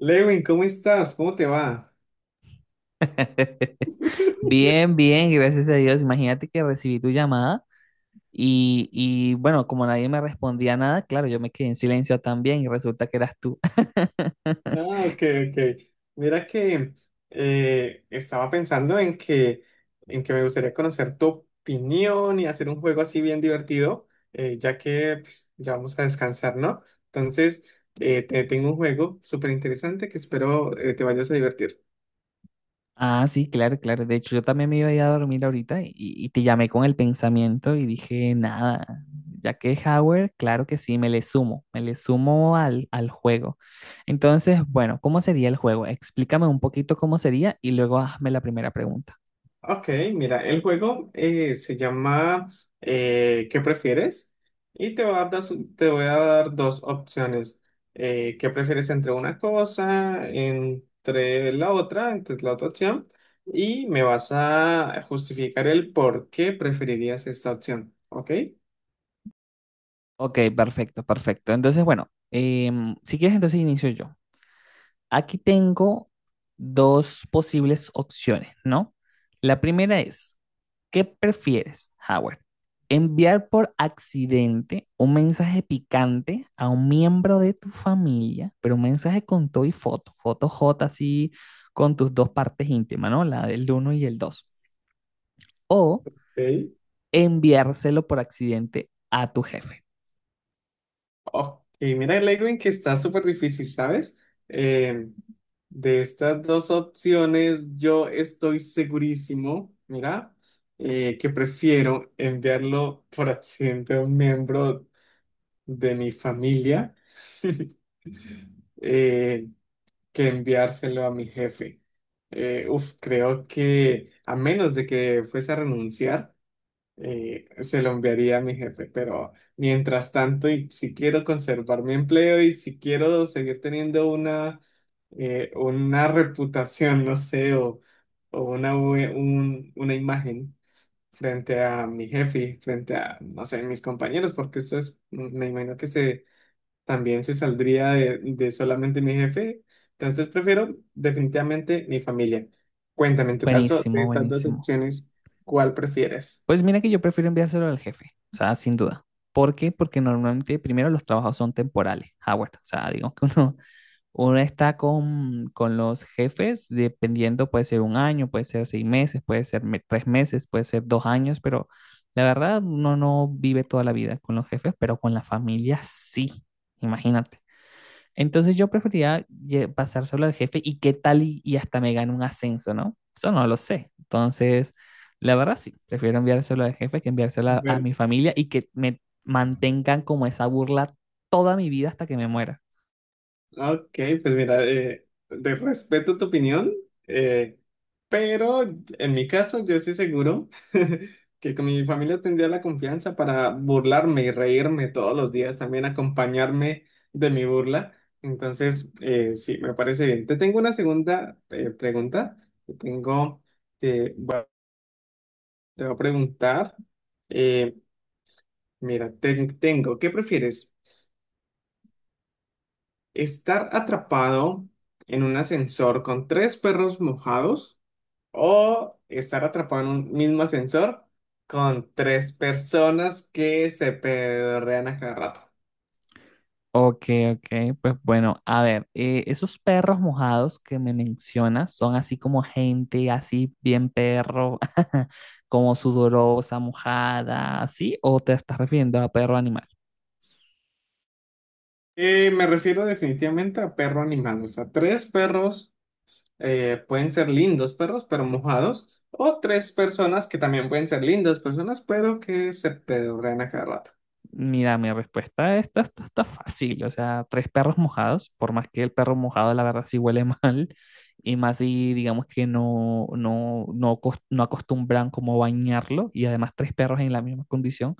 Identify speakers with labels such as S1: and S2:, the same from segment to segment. S1: Lewin, ¿cómo estás? ¿Cómo te va?
S2: Bien, bien, gracias a Dios. Imagínate que recibí tu llamada y bueno, como nadie me respondía nada, claro, yo me quedé en silencio también y resulta que eras tú.
S1: Ah, ok, ok. Mira que estaba pensando en en que me gustaría conocer tu opinión y hacer un juego así bien divertido, ya que pues, ya vamos a descansar, ¿no? Entonces, te tengo un juego súper interesante que espero te vayas a divertir.
S2: Ah, sí, claro, claro. De hecho, yo también me iba a ir a dormir ahorita y te llamé con el pensamiento y dije, nada, ya que es Howard, claro que sí, me le sumo al juego. Entonces, bueno, ¿cómo sería el juego? Explícame un poquito cómo sería y luego hazme la primera pregunta.
S1: Ok, mira, el juego se llama ¿qué prefieres? Y te voy a dar dos opciones. ¿Qué prefieres entre una cosa, entre la otra opción? Y me vas a justificar el por qué preferirías esta opción, ¿ok?
S2: Ok, perfecto, perfecto. Entonces, bueno, si quieres, entonces inicio yo. Aquí tengo dos posibles opciones, ¿no? La primera es: ¿qué prefieres, Howard? ¿Enviar por accidente un mensaje picante a un miembro de tu familia, pero un mensaje con todo y foto, foto J así con tus dos partes íntimas? ¿No? La del uno y el 2. O
S1: Ok.
S2: enviárselo por accidente a tu jefe.
S1: Ok, mira, Lewin, que está súper difícil, ¿sabes? Eh, de estas dos opciones, yo estoy segurísimo, mira, que prefiero enviarlo por accidente a un miembro de mi familia eh, que enviárselo a mi jefe. Uf, creo que a menos de que fuese a renunciar, se lo enviaría a mi jefe, pero mientras tanto, y si quiero conservar mi empleo y si quiero seguir teniendo una reputación, no sé, o una imagen frente a mi jefe, frente a, no sé, mis compañeros, porque esto me imagino que también se saldría de solamente mi jefe, entonces prefiero definitivamente mi familia. Cuéntame, en tu caso, de
S2: Buenísimo,
S1: estas dos
S2: buenísimo.
S1: opciones, ¿cuál prefieres?
S2: Pues mira que yo prefiero enviárselo al jefe, o sea, sin duda. ¿Por qué? Porque normalmente primero los trabajos son temporales, Howard. O sea, digamos que uno, uno está con los jefes dependiendo, puede ser 1 año, puede ser 6 meses, puede ser 3 meses, puede ser 2 años, pero la verdad uno no vive toda la vida con los jefes, pero con la familia sí, imagínate. Entonces yo preferiría pasárselo al jefe y qué tal y hasta me gane un ascenso, ¿no? Eso no lo sé. Entonces, la verdad sí, prefiero enviárselo al jefe que enviárselo a
S1: Bueno,
S2: mi familia y que me mantengan como esa burla toda mi vida hasta que me muera.
S1: ah, ok, pues mira, de respeto tu opinión, eh, pero en mi caso yo estoy seguro que con mi familia tendría la confianza para burlarme y reírme todos los días, también acompañarme de mi burla. Entonces, sí, me parece bien. Te tengo una segunda pregunta. Te tengo, eh, bueno, te voy a preguntar, eh, mira, tengo, ¿qué prefieres? Estar atrapado en un ascensor con tres perros mojados o estar atrapado en un mismo ascensor con tres personas que se pedorrean a cada rato.
S2: Ok, ok, pues bueno, a ver, esos perros mojados que me mencionas son así como gente, así bien perro, como sudorosa, mojada, ¿sí? ¿O te estás refiriendo a perro animal?
S1: Me refiero definitivamente a perro animal, o sea, tres perros pueden ser lindos perros, pero mojados, o tres personas que también pueden ser lindas personas, pero que se pedorrean a cada rato.
S2: Mira, mi respuesta está, está, está fácil, o sea, 3 perros mojados, por más que el perro mojado la verdad sí huele mal, y más si digamos que no acostumbran como bañarlo, y además 3 perros en la misma condición,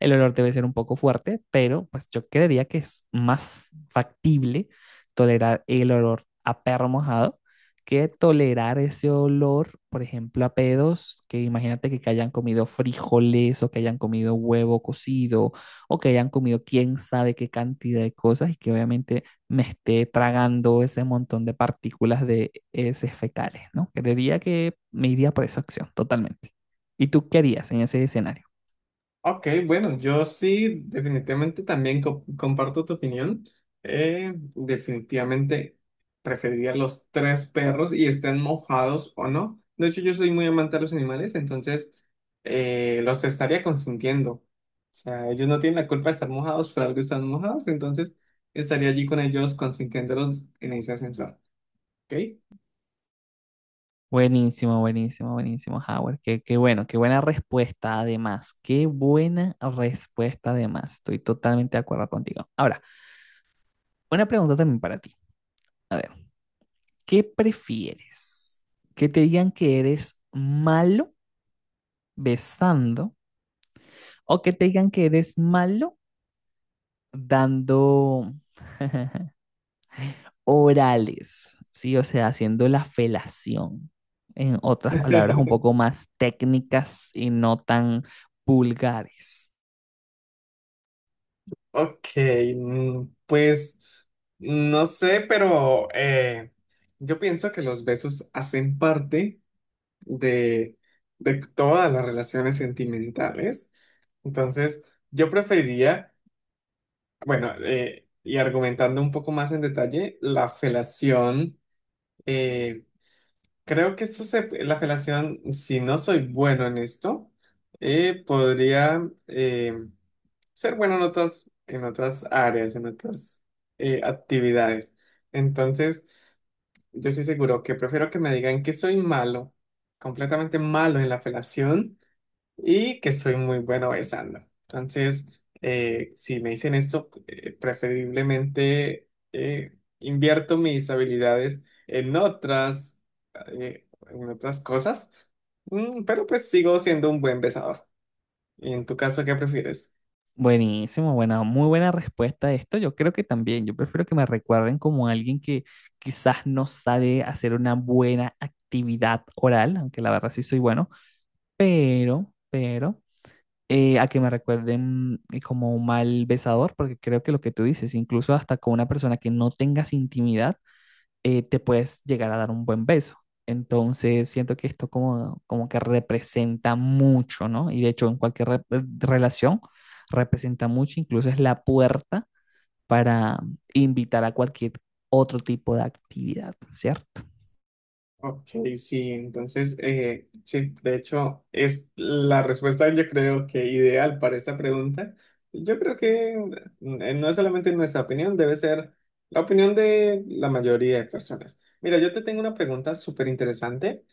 S2: el olor debe ser un poco fuerte, pero pues yo creería que es más factible tolerar el olor a perro mojado que tolerar ese olor, por ejemplo, a pedos, que imagínate que hayan comido frijoles o que hayan comido huevo cocido o que hayan comido quién sabe qué cantidad de cosas y que obviamente me esté tragando ese montón de partículas de heces fecales, ¿no? Creería que me iría por esa opción, totalmente. ¿Y tú qué harías en ese escenario?
S1: Ok, bueno, yo sí definitivamente también comparto tu opinión. Definitivamente preferiría los tres perros y estén mojados o no. De hecho, yo soy muy amante de los animales, entonces los estaría consintiendo. O sea, ellos no tienen la culpa de estar mojados, pero algo están mojados, entonces estaría allí con ellos consintiéndolos en ese ascensor. ¿Ok?
S2: Buenísimo, buenísimo, buenísimo, Howard. Qué, qué bueno, qué buena respuesta además. Qué buena respuesta además. Estoy totalmente de acuerdo contigo. Ahora, una pregunta también para ti. A ver, ¿qué prefieres? ¿Que te digan que eres malo besando, o que te digan que eres malo dando orales? ¿Sí? O sea, haciendo la felación. En otras palabras, un poco más técnicas y no tan vulgares.
S1: Ok, mm, pues no sé, pero yo pienso que los besos hacen parte de, de todas las relaciones sentimentales. Entonces, yo preferiría, bueno, y argumentando un poco más en detalle, la felación. Eh, creo que esto la felación, si no soy bueno en esto, podría em, ser bueno en en otras áreas, en otras actividades. Entonces, yo estoy seguro que prefiero que me digan que soy malo, completamente malo en la felación y que soy muy bueno besando. Entonces, si me dicen esto, preferiblemente invierto mis habilidades en en otras cosas. Mm, pero pues sigo siendo un buen besador. ¿Y en tu caso, qué prefieres?
S2: Buenísimo, bueno, muy buena respuesta a esto. Yo creo que también, yo prefiero que me recuerden como alguien que quizás no sabe hacer una buena actividad oral, aunque la verdad sí soy bueno, pero, pero a que me recuerden como un mal besador, porque creo que lo que tú dices, incluso hasta con una persona que no tengas intimidad, te puedes llegar a dar un buen beso. Entonces siento que esto como, como que representa mucho, ¿no? Y de hecho en cualquier relación representa mucho, incluso es la puerta para invitar a cualquier otro tipo de actividad, ¿cierto?
S1: Ok, sí, entonces, sí, de hecho, es la respuesta yo creo que ideal para esta pregunta. Yo creo que mm, no es solamente nuestra opinión, debe ser la opinión de la mayoría de personas. Mira, yo te tengo una pregunta súper interesante.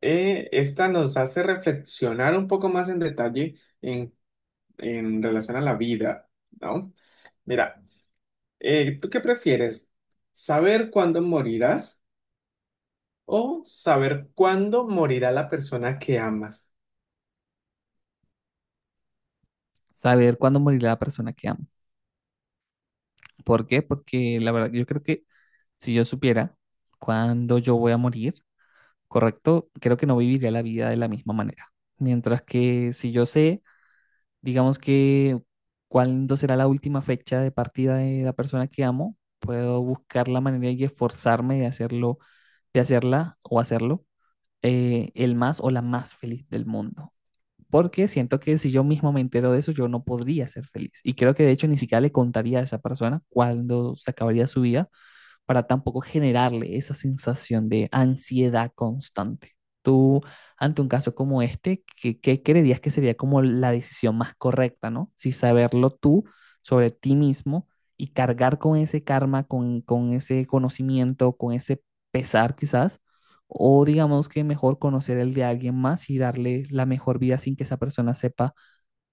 S1: Esta nos hace reflexionar un poco más en detalle en, en relación a la vida, ¿no? Mira, ¿tú qué prefieres? ¿Saber cuándo morirás? O saber cuándo morirá la persona que amas.
S2: Saber cuándo morirá la persona que amas. ¿Por qué? Porque la verdad, yo creo que si yo supiera cuándo yo voy a morir, correcto, creo que no viviría la vida de la misma manera. Mientras que si yo sé, digamos que cuándo será la última fecha de partida de la persona que amo, puedo buscar la manera y esforzarme de hacerlo, de hacerla o hacerlo el más o la más feliz del mundo porque siento que si yo mismo me entero de eso, yo no podría ser feliz. Y creo que de hecho ni siquiera le contaría a esa persona cuándo se acabaría su vida, para tampoco generarle esa sensación de ansiedad constante. Tú, ante un caso como este, ¿qué, qué creerías que sería como la decisión más correcta? ¿No? Si saberlo tú sobre ti mismo y cargar con ese karma, con ese conocimiento, con ese pesar quizás, o digamos que mejor conocer el de alguien más y darle la mejor vida sin que esa persona sepa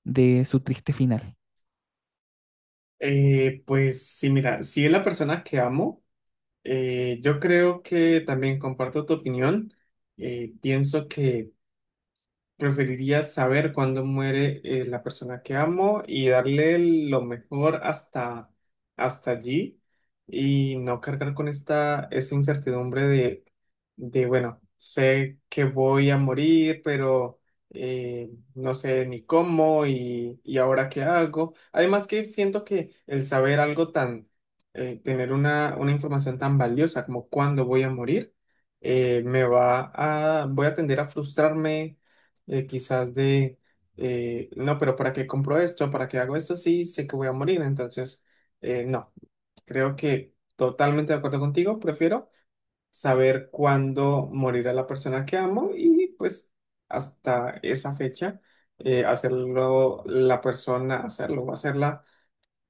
S2: de su triste final.
S1: Pues sí, mira, si es la persona que amo, yo creo que también comparto tu opinión. Pienso que preferiría saber cuándo muere la persona que amo y darle lo mejor hasta allí y no cargar con esa incertidumbre de, bueno, sé que voy a morir, pero no sé ni cómo y ahora qué hago. Además que siento que el saber algo tan, tener una información tan valiosa como cuándo voy a morir, eh, me va voy a tender a frustrarme eh, quizás de, no, pero ¿para qué compro esto? ¿Para qué hago esto? Sí, sé que voy a morir, entonces, no, creo que totalmente de acuerdo contigo, prefiero saber cuándo morirá la persona que amo y pues hasta esa fecha, hacerlo la persona, hacerlo, hacerla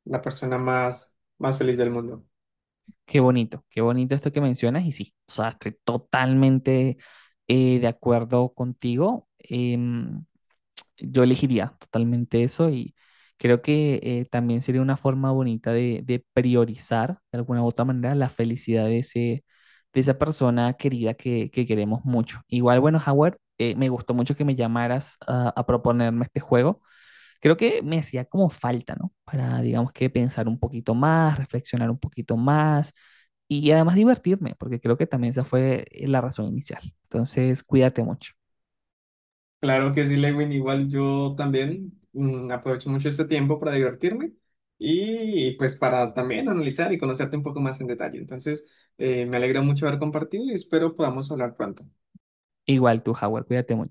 S1: la persona más, más feliz del mundo.
S2: Qué bonito esto que mencionas y sí, o sea, estoy totalmente de acuerdo contigo. Yo elegiría totalmente eso y creo que también sería una forma bonita de priorizar de alguna u otra manera la felicidad de ese, de esa persona querida que queremos mucho. Igual, bueno, Howard, me gustó mucho que me llamaras a proponerme este juego. Creo que me hacía como falta, ¿no? Para, digamos que pensar un poquito más, reflexionar un poquito más y además divertirme, porque creo que también esa fue la razón inicial. Entonces, cuídate mucho.
S1: Claro que sí, Lewin. Igual yo también mm, aprovecho mucho este tiempo para divertirme y pues para también analizar y conocerte un poco más en detalle. Entonces, me alegra mucho haber compartido y espero podamos hablar pronto.
S2: Igual tú, Howard, cuídate mucho.